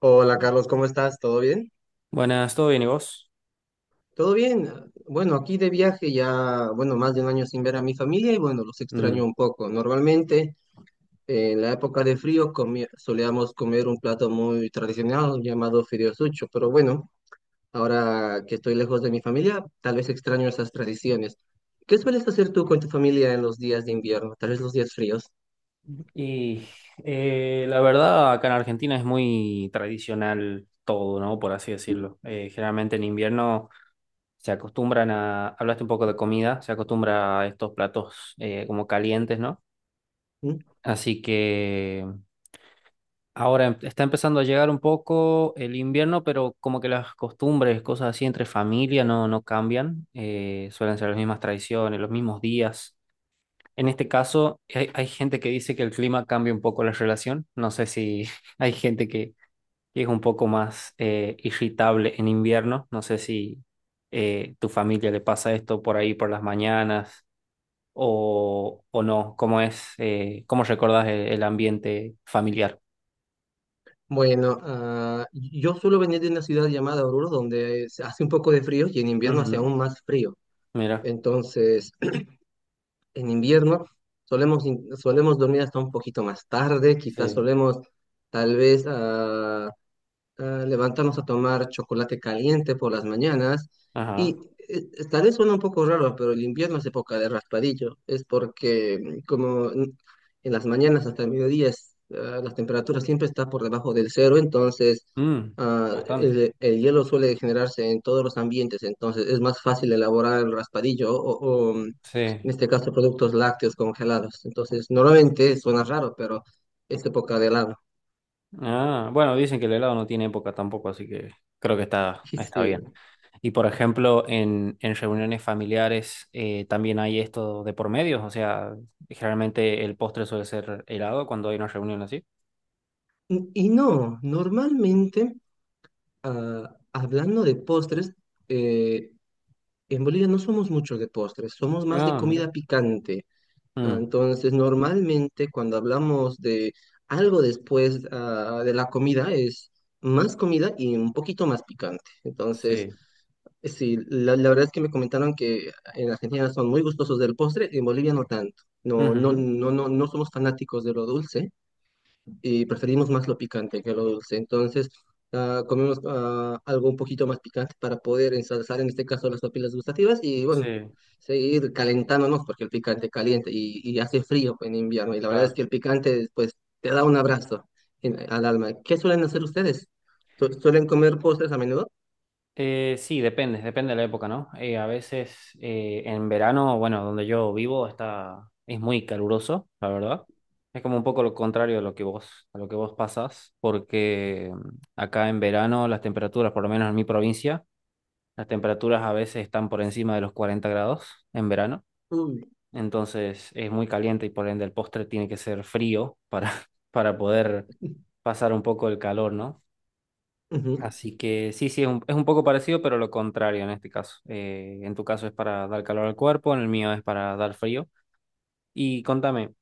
Hola Carlos, ¿cómo estás? ¿Todo bien? Buenas, ¿todo bien y vos? Todo bien. Bueno, aquí de viaje ya, bueno, más de un año sin ver a mi familia y bueno, los extraño Mm. un poco. Normalmente en la época de frío solíamos comer un plato muy tradicional llamado fideos sucho, pero bueno, ahora que estoy lejos de mi familia, tal vez extraño esas tradiciones. ¿Qué sueles hacer tú con tu familia en los días de invierno, tal vez los días fríos? Y la verdad, acá en Argentina es muy tradicional todo, ¿no? Por así decirlo. Generalmente en invierno se acostumbran a, hablaste un poco de comida, se acostumbra a estos platos como calientes, ¿no? ¿Mm? Así que ahora está empezando a llegar un poco el invierno, pero como que las costumbres, cosas así entre familia no cambian. Suelen ser las mismas tradiciones, los mismos días. En este caso, hay gente que dice que el clima cambia un poco la relación. No sé si hay gente que es un poco más irritable en invierno. No sé si tu familia le pasa esto por ahí por las mañanas o no. ¿Cómo es, cómo recordás el ambiente familiar? Bueno, yo suelo venir de una ciudad llamada Oruro, donde se hace un poco de frío y en invierno hace Ujú. aún más frío. Mira. Entonces, en invierno solemos dormir hasta un poquito más tarde, quizás Sí. solemos tal vez levantamos a tomar chocolate caliente por las mañanas y Ajá. Tal vez suena un poco raro, pero el invierno es época de raspadillo, es porque como en las mañanas hasta el mediodía es, las temperaturas siempre está por debajo del cero, entonces Mm, bastante. el hielo suele generarse en todos los ambientes, entonces es más fácil elaborar el raspadillo Sí. en este caso productos lácteos congelados, entonces normalmente suena raro, pero es época de helado. Ah, bueno, dicen que el helado no tiene época tampoco, así que creo que está, está Sí. bien. Y por ejemplo, en reuniones familiares también hay esto de por medio, o sea, generalmente el postre suele ser helado cuando hay una reunión así. Y no, normalmente, hablando de postres, eh, en Bolivia no somos mucho de postres, somos más de Ah, mira. comida picante. Mm, Entonces, normalmente cuando hablamos de algo después, de la comida, es más comida y un poquito más picante. Entonces, sí. sí, la verdad es que me comentaron que en Argentina son muy gustosos del postre, en Bolivia no tanto. No, no, Ujú. no, no, no somos fanáticos de lo dulce y preferimos más lo picante que lo dulce. Entonces, comemos algo un poquito más picante para poder ensalzar, en este caso, las papilas gustativas y Sí, bueno, seguir calentándonos porque el picante calienta y hace frío en invierno. Y la verdad es claro. que el picante, pues, te da un abrazo al alma. ¿Qué suelen hacer ustedes? Suelen comer postres a menudo? Sí, depende, depende de la época, ¿no? A veces en verano, bueno, donde yo vivo está, es muy caluroso, la verdad. Es como un poco lo contrario de lo que vos, a lo que vos pasás, porque acá en verano las temperaturas, por lo menos en mi provincia, las temperaturas a veces están por encima de los 40 grados en verano, Uy. entonces es muy caliente y por ende el postre tiene que ser frío para, para poder pasar un poco el calor, ¿no? Ujú. Así que sí, sí, es es un poco parecido, pero lo contrario en este caso. En tu caso es para dar calor al cuerpo, en el mío es para dar frío. Y contame,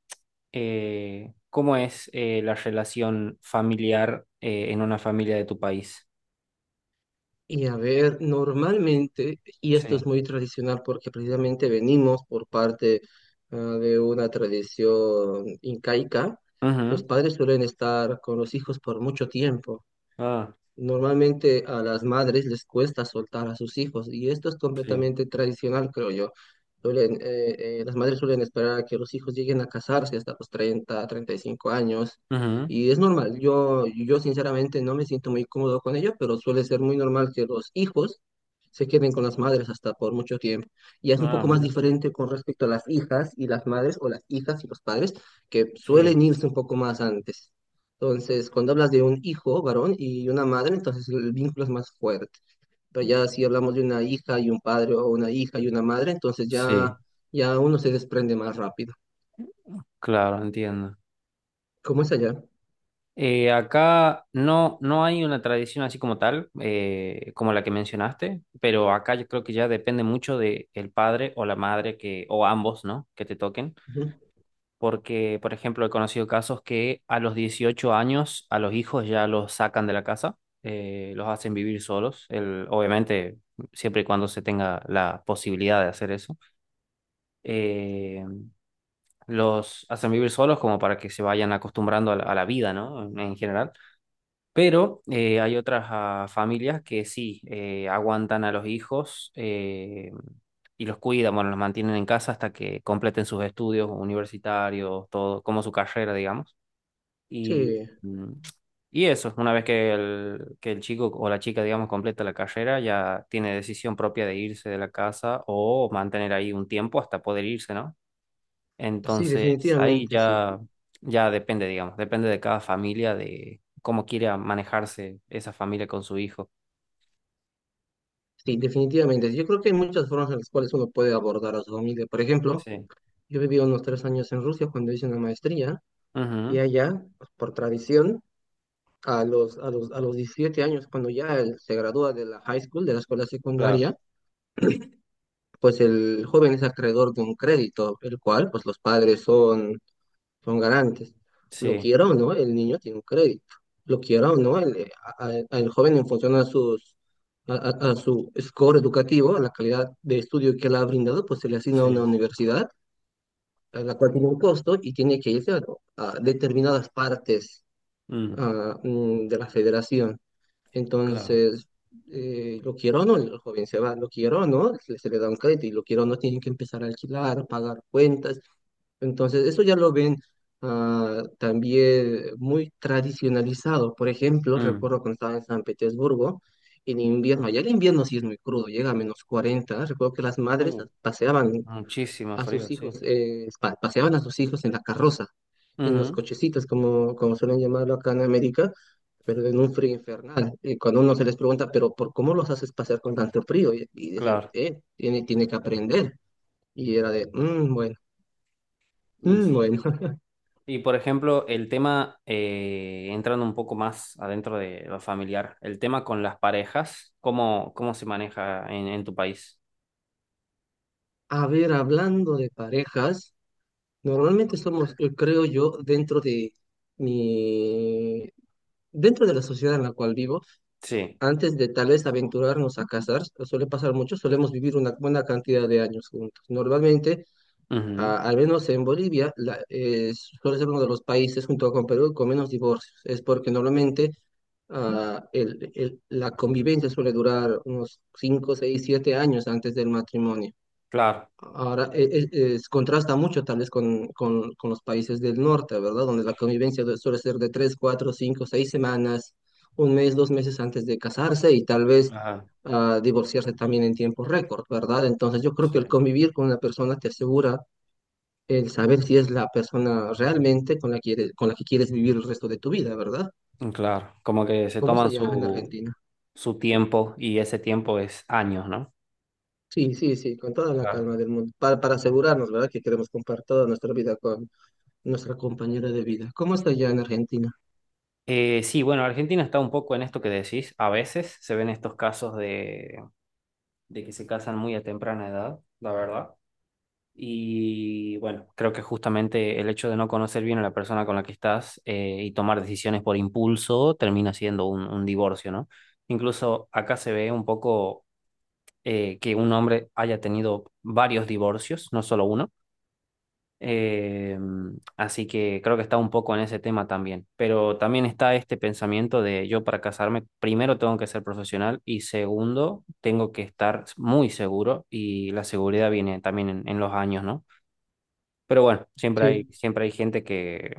¿cómo es la relación familiar en una familia de tu país? Y a ver, normalmente, y esto es Sí. muy tradicional porque precisamente venimos por parte de una tradición incaica, los Ujú. padres suelen estar con los hijos por mucho tiempo. Ah, Normalmente a las madres les cuesta soltar a sus hijos y esto es sí. completamente tradicional, creo yo. Las madres suelen esperar a que los hijos lleguen a casarse hasta los 30, 35 años Ujú. y es normal. Yo sinceramente no me siento muy cómodo con ello, pero suele ser muy normal que los hijos se queden con las madres hasta por mucho tiempo. Y es un Ah, poco más mira. diferente con respecto a las hijas y las madres o las hijas y los padres que Sí. suelen irse un poco más antes. Entonces, cuando hablas de un hijo varón y una madre, entonces el vínculo es más fuerte. Pero ya si hablamos de una hija y un padre o una hija y una madre, entonces ya, Sí, ya uno se desprende más rápido. claro, entiendo. ¿Cómo es allá? Acá no hay una tradición así como tal, como la que mencionaste, pero acá yo creo que ya depende mucho de el padre o la madre o ambos, ¿no? Que te toquen. Ujú. Porque, por ejemplo, he conocido casos que a los 18 años a los hijos ya los sacan de la casa, los hacen vivir solos, el, obviamente siempre y cuando se tenga la posibilidad de hacer eso. Eh, los hacen vivir solos como para que se vayan acostumbrando a a la vida, ¿no? En general. Pero hay otras familias que sí aguantan a los hijos y los cuidan, bueno, los mantienen en casa hasta que completen sus estudios universitarios, todo, como su carrera, digamos. Y, Sí, mm, y eso, una vez que que el chico o la chica, digamos, completa la carrera, ya tiene decisión propia de irse de la casa o mantener ahí un tiempo hasta poder irse, ¿no? sí, Entonces, ahí definitivamente, sí. ya, ya depende, digamos, depende de cada familia, de cómo quiera manejarse esa familia con su hijo. Sí, definitivamente. Yo creo que hay muchas formas en las cuales uno puede abordar a su familia. Por ejemplo, Sí. yo viví unos 3 años en Rusia cuando hice una maestría y Ujú. allá, por tradición, a los 17 años, cuando ya él se gradúa de la high school, de la escuela Claro. secundaria, pues el joven es acreedor de un crédito, el cual pues los padres son garantes. Lo Sí, quiera o no, el niño tiene un crédito. Lo quiera o no, el joven en función a su score educativo, a la calidad de estudio que le ha brindado, pues se le asigna a una sí. universidad, a la cual tiene un costo y tiene que irse a determinadas partes Mm, de la federación. claro. Entonces, lo quiero o no, el joven se va, lo quiero o no, se le da un crédito y lo quiero o no, tienen que empezar a alquilar, pagar cuentas. Entonces, eso ya lo ven también muy tradicionalizado. Por ejemplo, Mm. recuerdo cuando estaba en San Petersburgo, en invierno, allá el invierno sí es muy crudo, llega a -40. Recuerdo que las madres Uh, paseaban muchísimo a frío, sus sí. hijos, paseaban a sus hijos en la carroza, en los Ujú. cochecitos, como suelen llamarlo acá en América, pero en un frío infernal. Y cuando uno se les pregunta, pero ¿por cómo los haces pasear con tanto frío? Y decían, Claro. Tiene que aprender. Y era de, "Mm, bueno, Y mm, sí. bueno". Y por ejemplo, el tema, entrando un poco más adentro de lo familiar, el tema con las parejas, ¿cómo, cómo se maneja en tu país? A ver, hablando de parejas, normalmente somos, creo yo, mi, dentro de la sociedad en la cual vivo, Sí. antes de tal vez aventurarnos a casar, suele pasar mucho, solemos vivir una buena cantidad de años juntos. Normalmente, Ujú. Al menos en Bolivia, suele ser uno de los países junto con Perú con menos divorcios. Es porque normalmente la convivencia suele durar unos 5, 6, 7 años antes del matrimonio. Claro. Ahora contrasta mucho tal vez con, con los países del norte, ¿verdad? Donde la convivencia suele ser de 3, 4, 5, 6 semanas, un mes, 2 meses antes de casarse y tal vez Claro. Divorciarse también en tiempo récord, ¿verdad? Entonces yo creo Sí. que el convivir con una persona te asegura el saber si es la persona realmente con la que quieres, con la que quieres vivir el resto de tu vida, ¿verdad? Claro, como que se ¿Cómo es toman allá en Argentina? su tiempo y ese tiempo es años, ¿no? Sí, sí, sí, con toda la Claro. calma del mundo, para asegurarnos, ¿verdad? Que queremos compartir toda nuestra vida con nuestra compañera de vida. ¿Cómo está ya en Argentina? Sí, bueno, Argentina está un poco en esto que decís. A veces se ven estos casos de que se casan muy a temprana edad, la verdad. Y bueno, creo que justamente el hecho de no conocer bien a la persona con la que estás y tomar decisiones por impulso termina siendo un divorcio, ¿no? Incluso acá se ve un poco que un hombre haya tenido varios divorcios, no solo uno. Eh, así que creo que está un poco en ese tema también. Pero también está este pensamiento de yo para casarme, primero tengo que ser profesional y segundo, tengo que estar muy seguro y la seguridad viene también en los años, ¿no? Pero bueno, Sí, siempre hay gente que,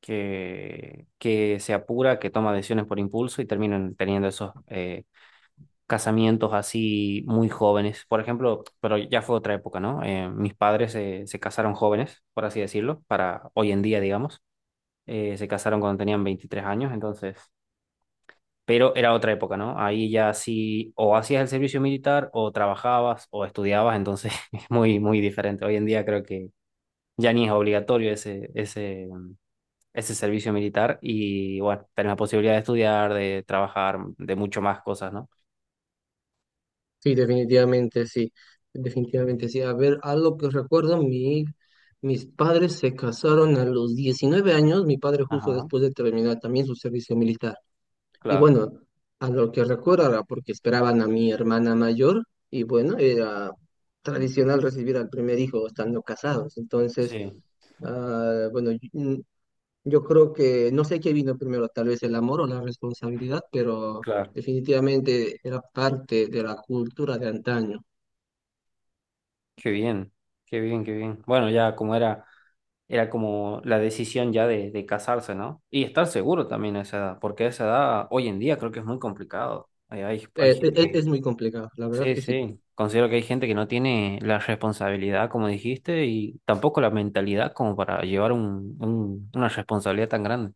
que, que se apura, que toma decisiones por impulso y terminan teniendo esos casamientos así muy jóvenes. Por ejemplo, pero ya fue otra época, ¿no? Mis padres se casaron jóvenes, por así decirlo, para hoy en día, digamos. Se casaron cuando tenían 23 años, entonces, pero era otra época, ¿no? Ahí ya sí, o hacías el servicio militar, o trabajabas, o estudiabas, entonces es muy, muy diferente. Hoy en día creo que ya ni es obligatorio ese servicio militar y bueno, tenés la posibilidad de estudiar, de trabajar, de mucho más cosas, ¿no? sí, definitivamente sí, definitivamente sí. A ver, algo que recuerdo, mis padres se casaron a los 19 años, mi padre justo Ajá, después de terminar también su servicio militar. Y claro, bueno, a lo que recuerdo ahora, porque esperaban a mi hermana mayor, y bueno, era tradicional recibir al primer hijo estando casados. Entonces, sí. ah, bueno, yo- Yo creo que no sé qué vino primero, tal vez el amor o la responsabilidad, pero Claro. definitivamente era parte de la cultura de antaño. Qué bien, qué bien, qué bien. Bueno, ya como era, era como la decisión ya de casarse, ¿no? Y estar seguro también a esa edad, porque a esa edad hoy en día creo que es muy complicado. Hay gente. Es muy complicado, la verdad Sí, que sí. sí. Considero que hay gente que no tiene la responsabilidad, como dijiste, y tampoco la mentalidad como para llevar una responsabilidad tan grande.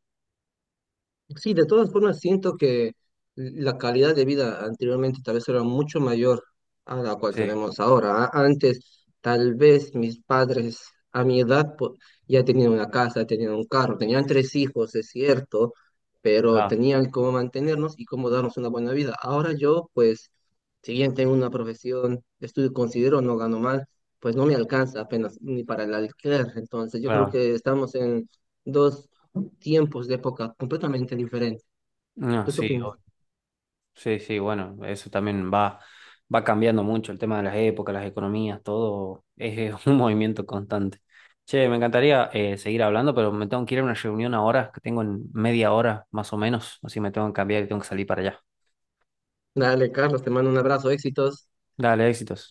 Sí, de todas formas siento que la calidad de vida anteriormente tal vez era mucho mayor a la cual Sí, tenemos ahora. Antes, tal vez mis padres a mi edad ya tenían una casa, tenían un carro, tenían tres hijos, es cierto, pero claro, tenían cómo mantenernos y cómo darnos una buena vida. Ahora yo, pues, si bien tengo una profesión, estudio, considero, no gano mal, pues no me alcanza apenas ni para el alquiler. Entonces yo creo claro. que estamos en dos tiempos de época completamente diferentes. No, ¿Tú qué sí, opinas? obvio. Sí, sí, bueno, eso también va cambiando mucho el tema de las épocas, las economías, todo es un movimiento constante. Che, me encantaría seguir hablando, pero me tengo que ir a una reunión ahora, que tengo en media hora más o menos, así me tengo que cambiar y tengo que salir para allá. Dale, Carlos, te mando un abrazo, éxitos. Dale, éxitos.